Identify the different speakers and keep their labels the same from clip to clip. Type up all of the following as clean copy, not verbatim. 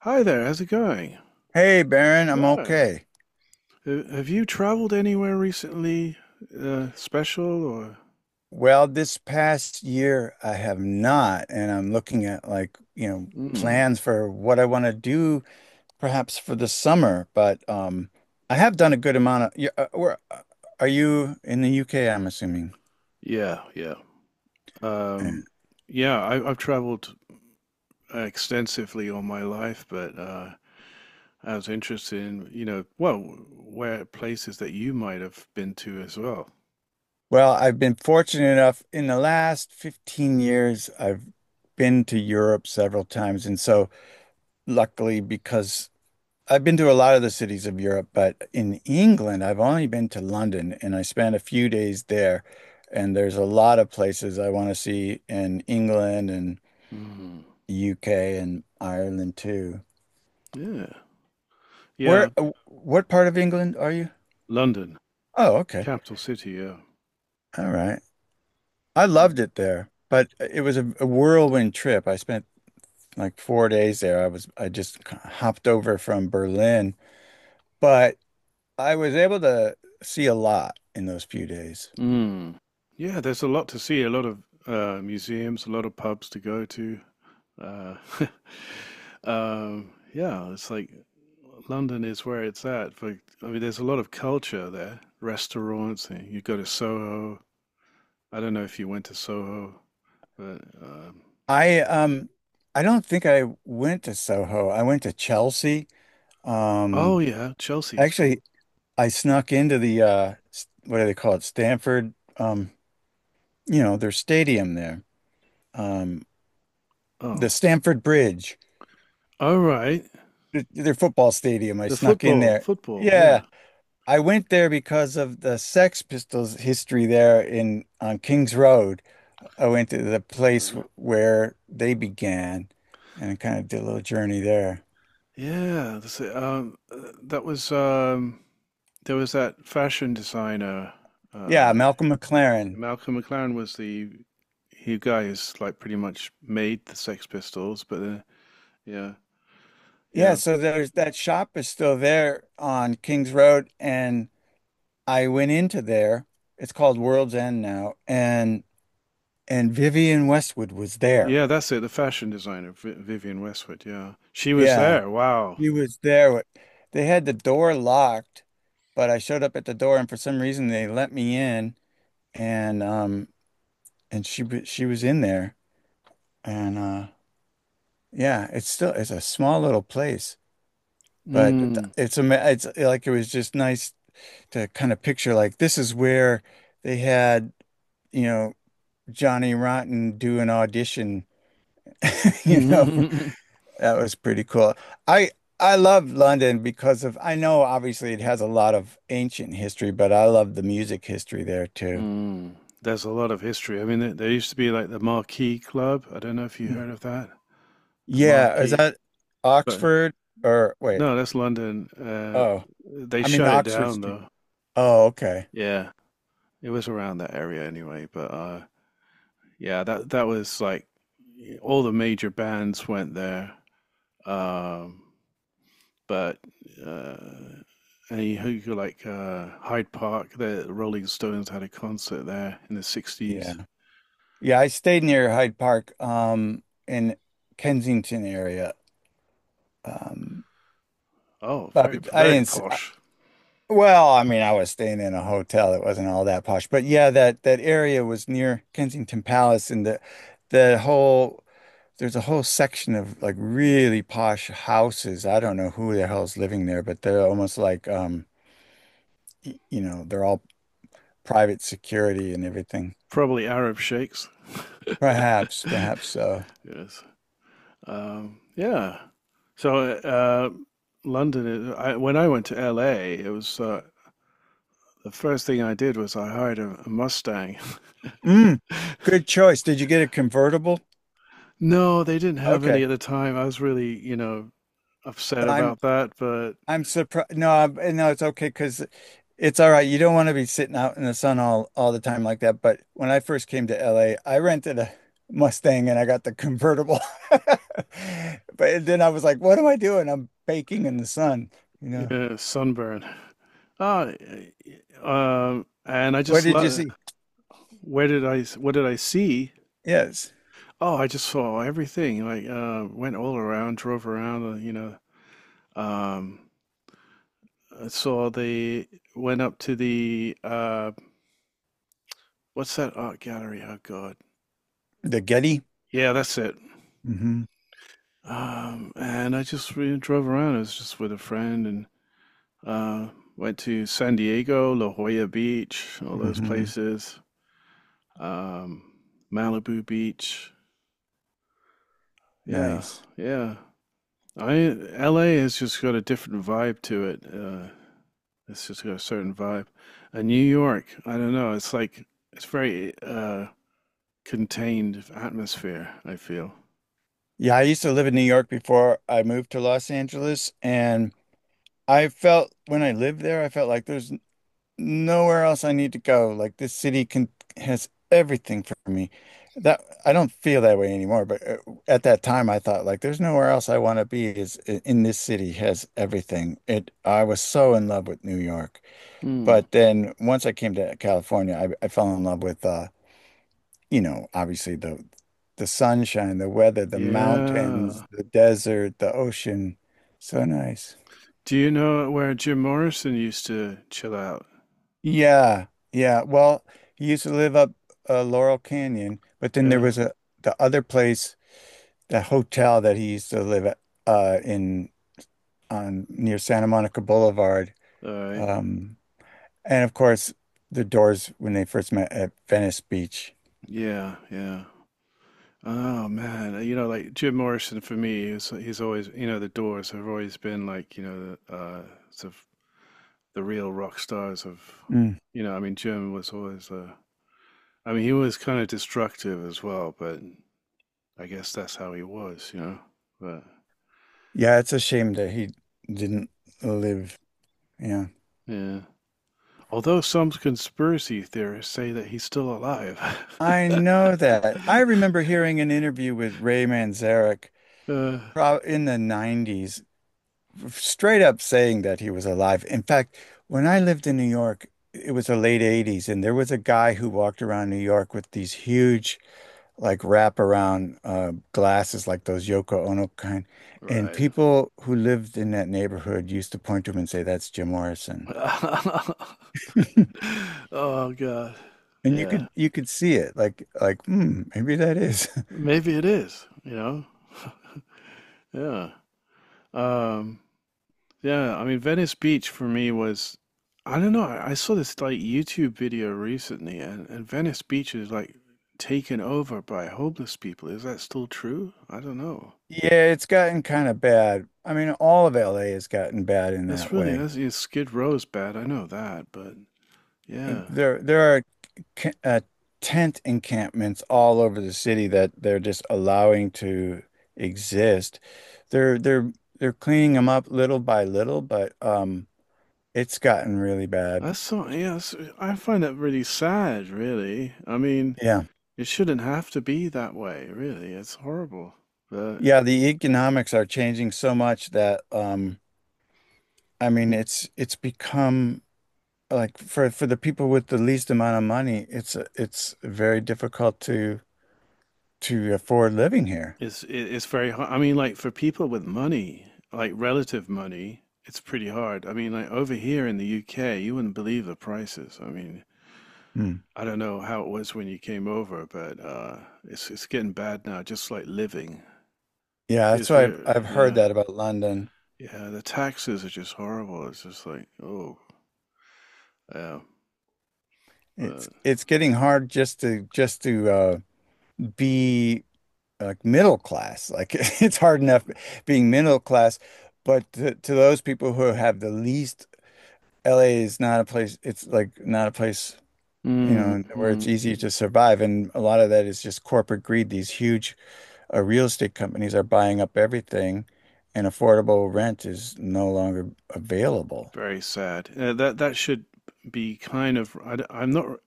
Speaker 1: Hi there, how's it going?
Speaker 2: Hey, Baron, I'm
Speaker 1: Oh,
Speaker 2: okay.
Speaker 1: have you traveled anywhere recently, special or?
Speaker 2: Well, this past year I have not, and I'm looking at
Speaker 1: Mm,
Speaker 2: plans for what I want to do perhaps for the summer, but I have done a good amount of yeah, where are you in the UK, I'm assuming.
Speaker 1: yeah, yeah.
Speaker 2: Yeah.
Speaker 1: Um, yeah, I've traveled extensively all my life, but I was interested in, well, where places that you might have been to as well.
Speaker 2: Well, I've been fortunate enough in the last 15 years I've been to Europe several times, and so luckily because I've been to a lot of the cities of Europe, but in England, I've only been to London and I spent a few days there. And there's a lot of places I want to see in England and
Speaker 1: Mm,
Speaker 2: the UK and Ireland too.
Speaker 1: yeah,
Speaker 2: Where,
Speaker 1: yeah.
Speaker 2: what part of England are you?
Speaker 1: London,
Speaker 2: Oh, okay.
Speaker 1: capital city. Yeah.
Speaker 2: All right. I
Speaker 1: Mm.
Speaker 2: loved it there, but it was a whirlwind trip. I spent like four days there. I just hopped over from Berlin, but I was able to see a lot in those few days.
Speaker 1: Mm. Yeah, there's a lot to see, a lot of museums, a lot of pubs to go to. Uh, yeah, it's like London is where it's at. For I mean, there's a lot of culture there. Restaurants, and you go to Soho. I don't know if you went to Soho, but
Speaker 2: I um I don't think I went to Soho. I went to Chelsea.
Speaker 1: oh
Speaker 2: Um
Speaker 1: yeah, Chelsea is
Speaker 2: Actually,
Speaker 1: cool.
Speaker 2: I snuck into the what do they call it? Stamford, you know, their stadium there. Um the
Speaker 1: Oh,
Speaker 2: Stamford Bridge,
Speaker 1: all right.
Speaker 2: their football stadium. I
Speaker 1: The
Speaker 2: snuck in
Speaker 1: football,
Speaker 2: there.
Speaker 1: football.
Speaker 2: Yeah,
Speaker 1: Yeah,
Speaker 2: I went there because of the Sex Pistols history there in on King's Road. I went to the place
Speaker 1: uh,
Speaker 2: where they began and kind of did a little journey there.
Speaker 1: yeah. That's it. That was There was that fashion designer.
Speaker 2: Yeah,
Speaker 1: Uh,
Speaker 2: Malcolm McLaren.
Speaker 1: Malcolm McLaren was the he guy who's like pretty much made the Sex Pistols, but yeah,
Speaker 2: Yeah,
Speaker 1: yeah,
Speaker 2: so there's that shop is still there on Kings Road, and I went into there. It's called World's End now, and Vivian Westwood was there.
Speaker 1: yeah. That's it. The fashion designer, Vi Vivian Westwood. Yeah, she was
Speaker 2: Yeah,
Speaker 1: there. Wow.
Speaker 2: she was there. They had the door locked, but I showed up at the door, and for some reason they let me in, and um and she was in there, and yeah, it's a small little place, but
Speaker 1: Mm.
Speaker 2: it's like it was just nice to kind of picture like this is where they had, you know, Johnny Rotten do an audition, you know. That was pretty cool. I I love London because of I know obviously it has a lot of ancient history, but I love the music history there too.
Speaker 1: Mm. There's a lot of history. I mean, there used to be like the Marquee Club. I don't know if you heard
Speaker 2: Mhm.
Speaker 1: of that. The
Speaker 2: Yeah, is
Speaker 1: Marquee,
Speaker 2: that
Speaker 1: but
Speaker 2: Oxford or wait,
Speaker 1: no, that's London.
Speaker 2: oh,
Speaker 1: They
Speaker 2: I mean
Speaker 1: shut it
Speaker 2: Oxford
Speaker 1: down
Speaker 2: Street.
Speaker 1: though.
Speaker 2: Oh, okay.
Speaker 1: Yeah, it was around that area anyway. But yeah, that was like all the major bands went there. Um, but uh, and you go like Hyde Park, the Rolling Stones had a concert there in the
Speaker 2: Yeah.
Speaker 1: '60s.
Speaker 2: Yeah, I stayed near Hyde Park in Kensington area. Um
Speaker 1: Oh,
Speaker 2: but
Speaker 1: very
Speaker 2: I
Speaker 1: very
Speaker 2: didn't
Speaker 1: posh.
Speaker 2: Well, I mean, I was staying in a hotel that wasn't all that posh, but yeah, that that area was near Kensington Palace, and the whole there's a whole section of like really posh houses. I don't know who the hell's living there, but they're almost like you know, they're all private security and everything.
Speaker 1: Probably Arab sheikhs.
Speaker 2: Perhaps, perhaps so.
Speaker 1: Yes. Yeah. So London. When I went to LA, it was the first thing I did was I hired a Mustang.
Speaker 2: Mm, good choice. Did you get a convertible?
Speaker 1: No, they didn't have any
Speaker 2: Okay.
Speaker 1: at the time. I was really, upset
Speaker 2: I'm
Speaker 1: about that, but
Speaker 2: I'm surprised. No, I, no, it's okay because it's all right. You don't want to be sitting out in the sun all the time like that. But when I first came to LA, I rented a Mustang and I got the convertible. But then I was like, what am I doing? I'm baking in the sun, you know.
Speaker 1: yeah, sunburn. Ah, and I
Speaker 2: What
Speaker 1: just
Speaker 2: did you
Speaker 1: love.
Speaker 2: see?
Speaker 1: Where did I What did I see?
Speaker 2: Yes,
Speaker 1: Oh, I just saw everything. Like, went all around, drove around. You know, um, I saw the Went up to the what's that art gallery? Oh God,
Speaker 2: the Getty.
Speaker 1: yeah, that's it.
Speaker 2: hmm
Speaker 1: And I just really drove around. I was just with a friend and uh, went to San Diego, La Jolla Beach, all those
Speaker 2: hmm
Speaker 1: places, um, Malibu Beach. Yeah,
Speaker 2: Nice.
Speaker 1: yeah. I L A has just got a different vibe to it. It's just got a certain vibe. And New York, I don't know. It's like it's very contained atmosphere. I feel.
Speaker 2: Yeah, I used to live in New York before I moved to Los Angeles, and I felt when I lived there, I felt like there's nowhere else I need to go. Like this city can has everything for me. That I don't feel that way anymore, but at that time I thought like there's nowhere else I want to be in this city has everything. It I was so in love with New York.
Speaker 1: Hmm.
Speaker 2: But then once I came to California, I fell in love with you know, obviously the sunshine, the weather, the mountains,
Speaker 1: Yeah.
Speaker 2: the desert, the ocean. So nice.
Speaker 1: Do you know where Jim Morrison used to chill out?
Speaker 2: Yeah, yeah. Well, he used to live up, Laurel Canyon, but then there
Speaker 1: Yeah.
Speaker 2: was a, the other place, the hotel that he used to live at, in on near Santa Monica Boulevard.
Speaker 1: All right.
Speaker 2: Um, and of course, the Doors when they first met at Venice Beach.
Speaker 1: Yeah. Yeah. Oh man, like Jim Morrison for me, he's always, the Doors have always been like, the sort of the real rock stars of,
Speaker 2: Mm.
Speaker 1: you know, I mean, Jim was always, I mean, he was kind of destructive as well, but I guess that's how he was. But
Speaker 2: Yeah, it's a shame that he didn't live. Yeah,
Speaker 1: yeah, although some conspiracy theorists say that he's still alive.
Speaker 2: I know that. I remember hearing an interview with Ray Manzarek
Speaker 1: Uh,
Speaker 2: prob in the '90s straight up saying that he was alive. In fact, when I lived in New York, it was the late '80s, and there was a guy who walked around New York with these huge, like, wraparound glasses, like those Yoko Ono kind. And
Speaker 1: right.
Speaker 2: people who lived in that neighborhood used to point to him and say, "That's Jim Morrison."
Speaker 1: Oh God.
Speaker 2: And
Speaker 1: Yeah.
Speaker 2: you could see it, hmm, maybe that is.
Speaker 1: Maybe it is. Yeah. Um, yeah, I mean Venice Beach for me was I don't know, I saw this like YouTube video recently and Venice Beach is like taken over by homeless people. Is that still true? I don't know.
Speaker 2: Yeah, it's gotten kind of bad. I mean, all of LA has gotten bad in that way.
Speaker 1: That's yeah, Skid Row's bad, I know that, but yeah.
Speaker 2: There are ca- uh, tent encampments all over the city that they're just allowing to exist. They're they're they're cleaning them up little by little, but it's gotten really bad.
Speaker 1: That's so yeah, I find that really sad, really. I mean,
Speaker 2: Yeah.
Speaker 1: it shouldn't have to be that way, really. It's horrible. But
Speaker 2: Yeah, the economics are changing so much that I mean it's become like for the people with the least amount of money, it's very difficult to afford living here.
Speaker 1: it's very hard. I mean, like for people with money, like relative money, it's pretty hard. I mean, like over here in the UK, you wouldn't believe the prices. I mean,
Speaker 2: Hmm.
Speaker 1: I don't know how it was when you came over, but it's getting bad now. Just like living,
Speaker 2: Yeah, that's
Speaker 1: because
Speaker 2: why
Speaker 1: we're
Speaker 2: I've heard
Speaker 1: yeah
Speaker 2: that about London.
Speaker 1: yeah the taxes are just horrible. It's just like oh yeah, but
Speaker 2: It's getting hard just to be like middle class. Like it's hard enough being middle class, but to those people who have the least, LA is not a place. It's like not a place, you know, where
Speaker 1: mm-hmm.
Speaker 2: it's easy to survive. And a lot of that is just corporate greed. These huge real estate companies are buying up everything, and affordable rent is no longer available.
Speaker 1: Very sad. That should be kind of I am not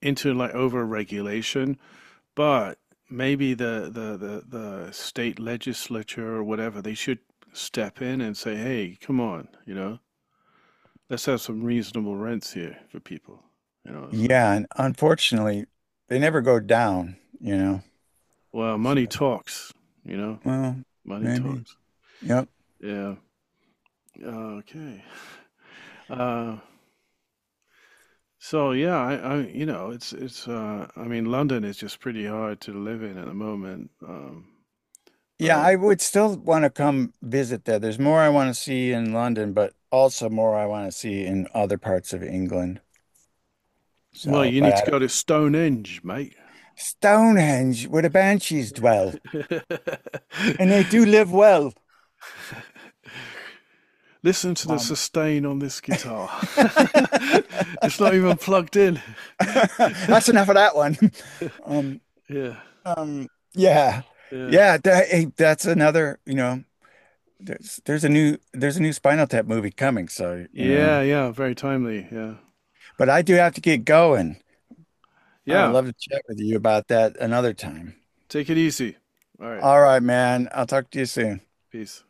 Speaker 1: into like over regulation. But maybe the state legislature or whatever, they should step in and say, hey, come on, let's have some reasonable rents here for people. It's like,
Speaker 2: Yeah, and unfortunately, they never go down, you know.
Speaker 1: well,
Speaker 2: So
Speaker 1: money talks, you know,
Speaker 2: well,
Speaker 1: money
Speaker 2: maybe.
Speaker 1: talks.
Speaker 2: Yep.
Speaker 1: Yeah. Okay. Uh, so yeah, I, you know, it's, I mean, London is just pretty hard to live in at the moment.
Speaker 2: Yeah,
Speaker 1: But
Speaker 2: I would still want to come visit there. There's more I want to see in London, but also more I want to see in other parts of England.
Speaker 1: Well,
Speaker 2: So,
Speaker 1: you
Speaker 2: but
Speaker 1: need
Speaker 2: I
Speaker 1: to
Speaker 2: don't.
Speaker 1: go to Stonehenge, mate.
Speaker 2: Stonehenge, where the banshees dwell, and they do live well.
Speaker 1: Listen to the
Speaker 2: Um,
Speaker 1: sustain on this guitar. It's not even plugged in.
Speaker 2: that's enough of that one. Um,
Speaker 1: Yeah,
Speaker 2: um, yeah,
Speaker 1: yeah.
Speaker 2: yeah. That, hey, that's another. You know, there's a new Spinal Tap movie coming. So you know,
Speaker 1: Yeah, yeah, very timely. Yeah.
Speaker 2: but I do have to get going. I would
Speaker 1: Yeah,
Speaker 2: love to chat with you about that another time.
Speaker 1: take it easy. All right,
Speaker 2: All right, man. I'll talk to you soon.
Speaker 1: peace.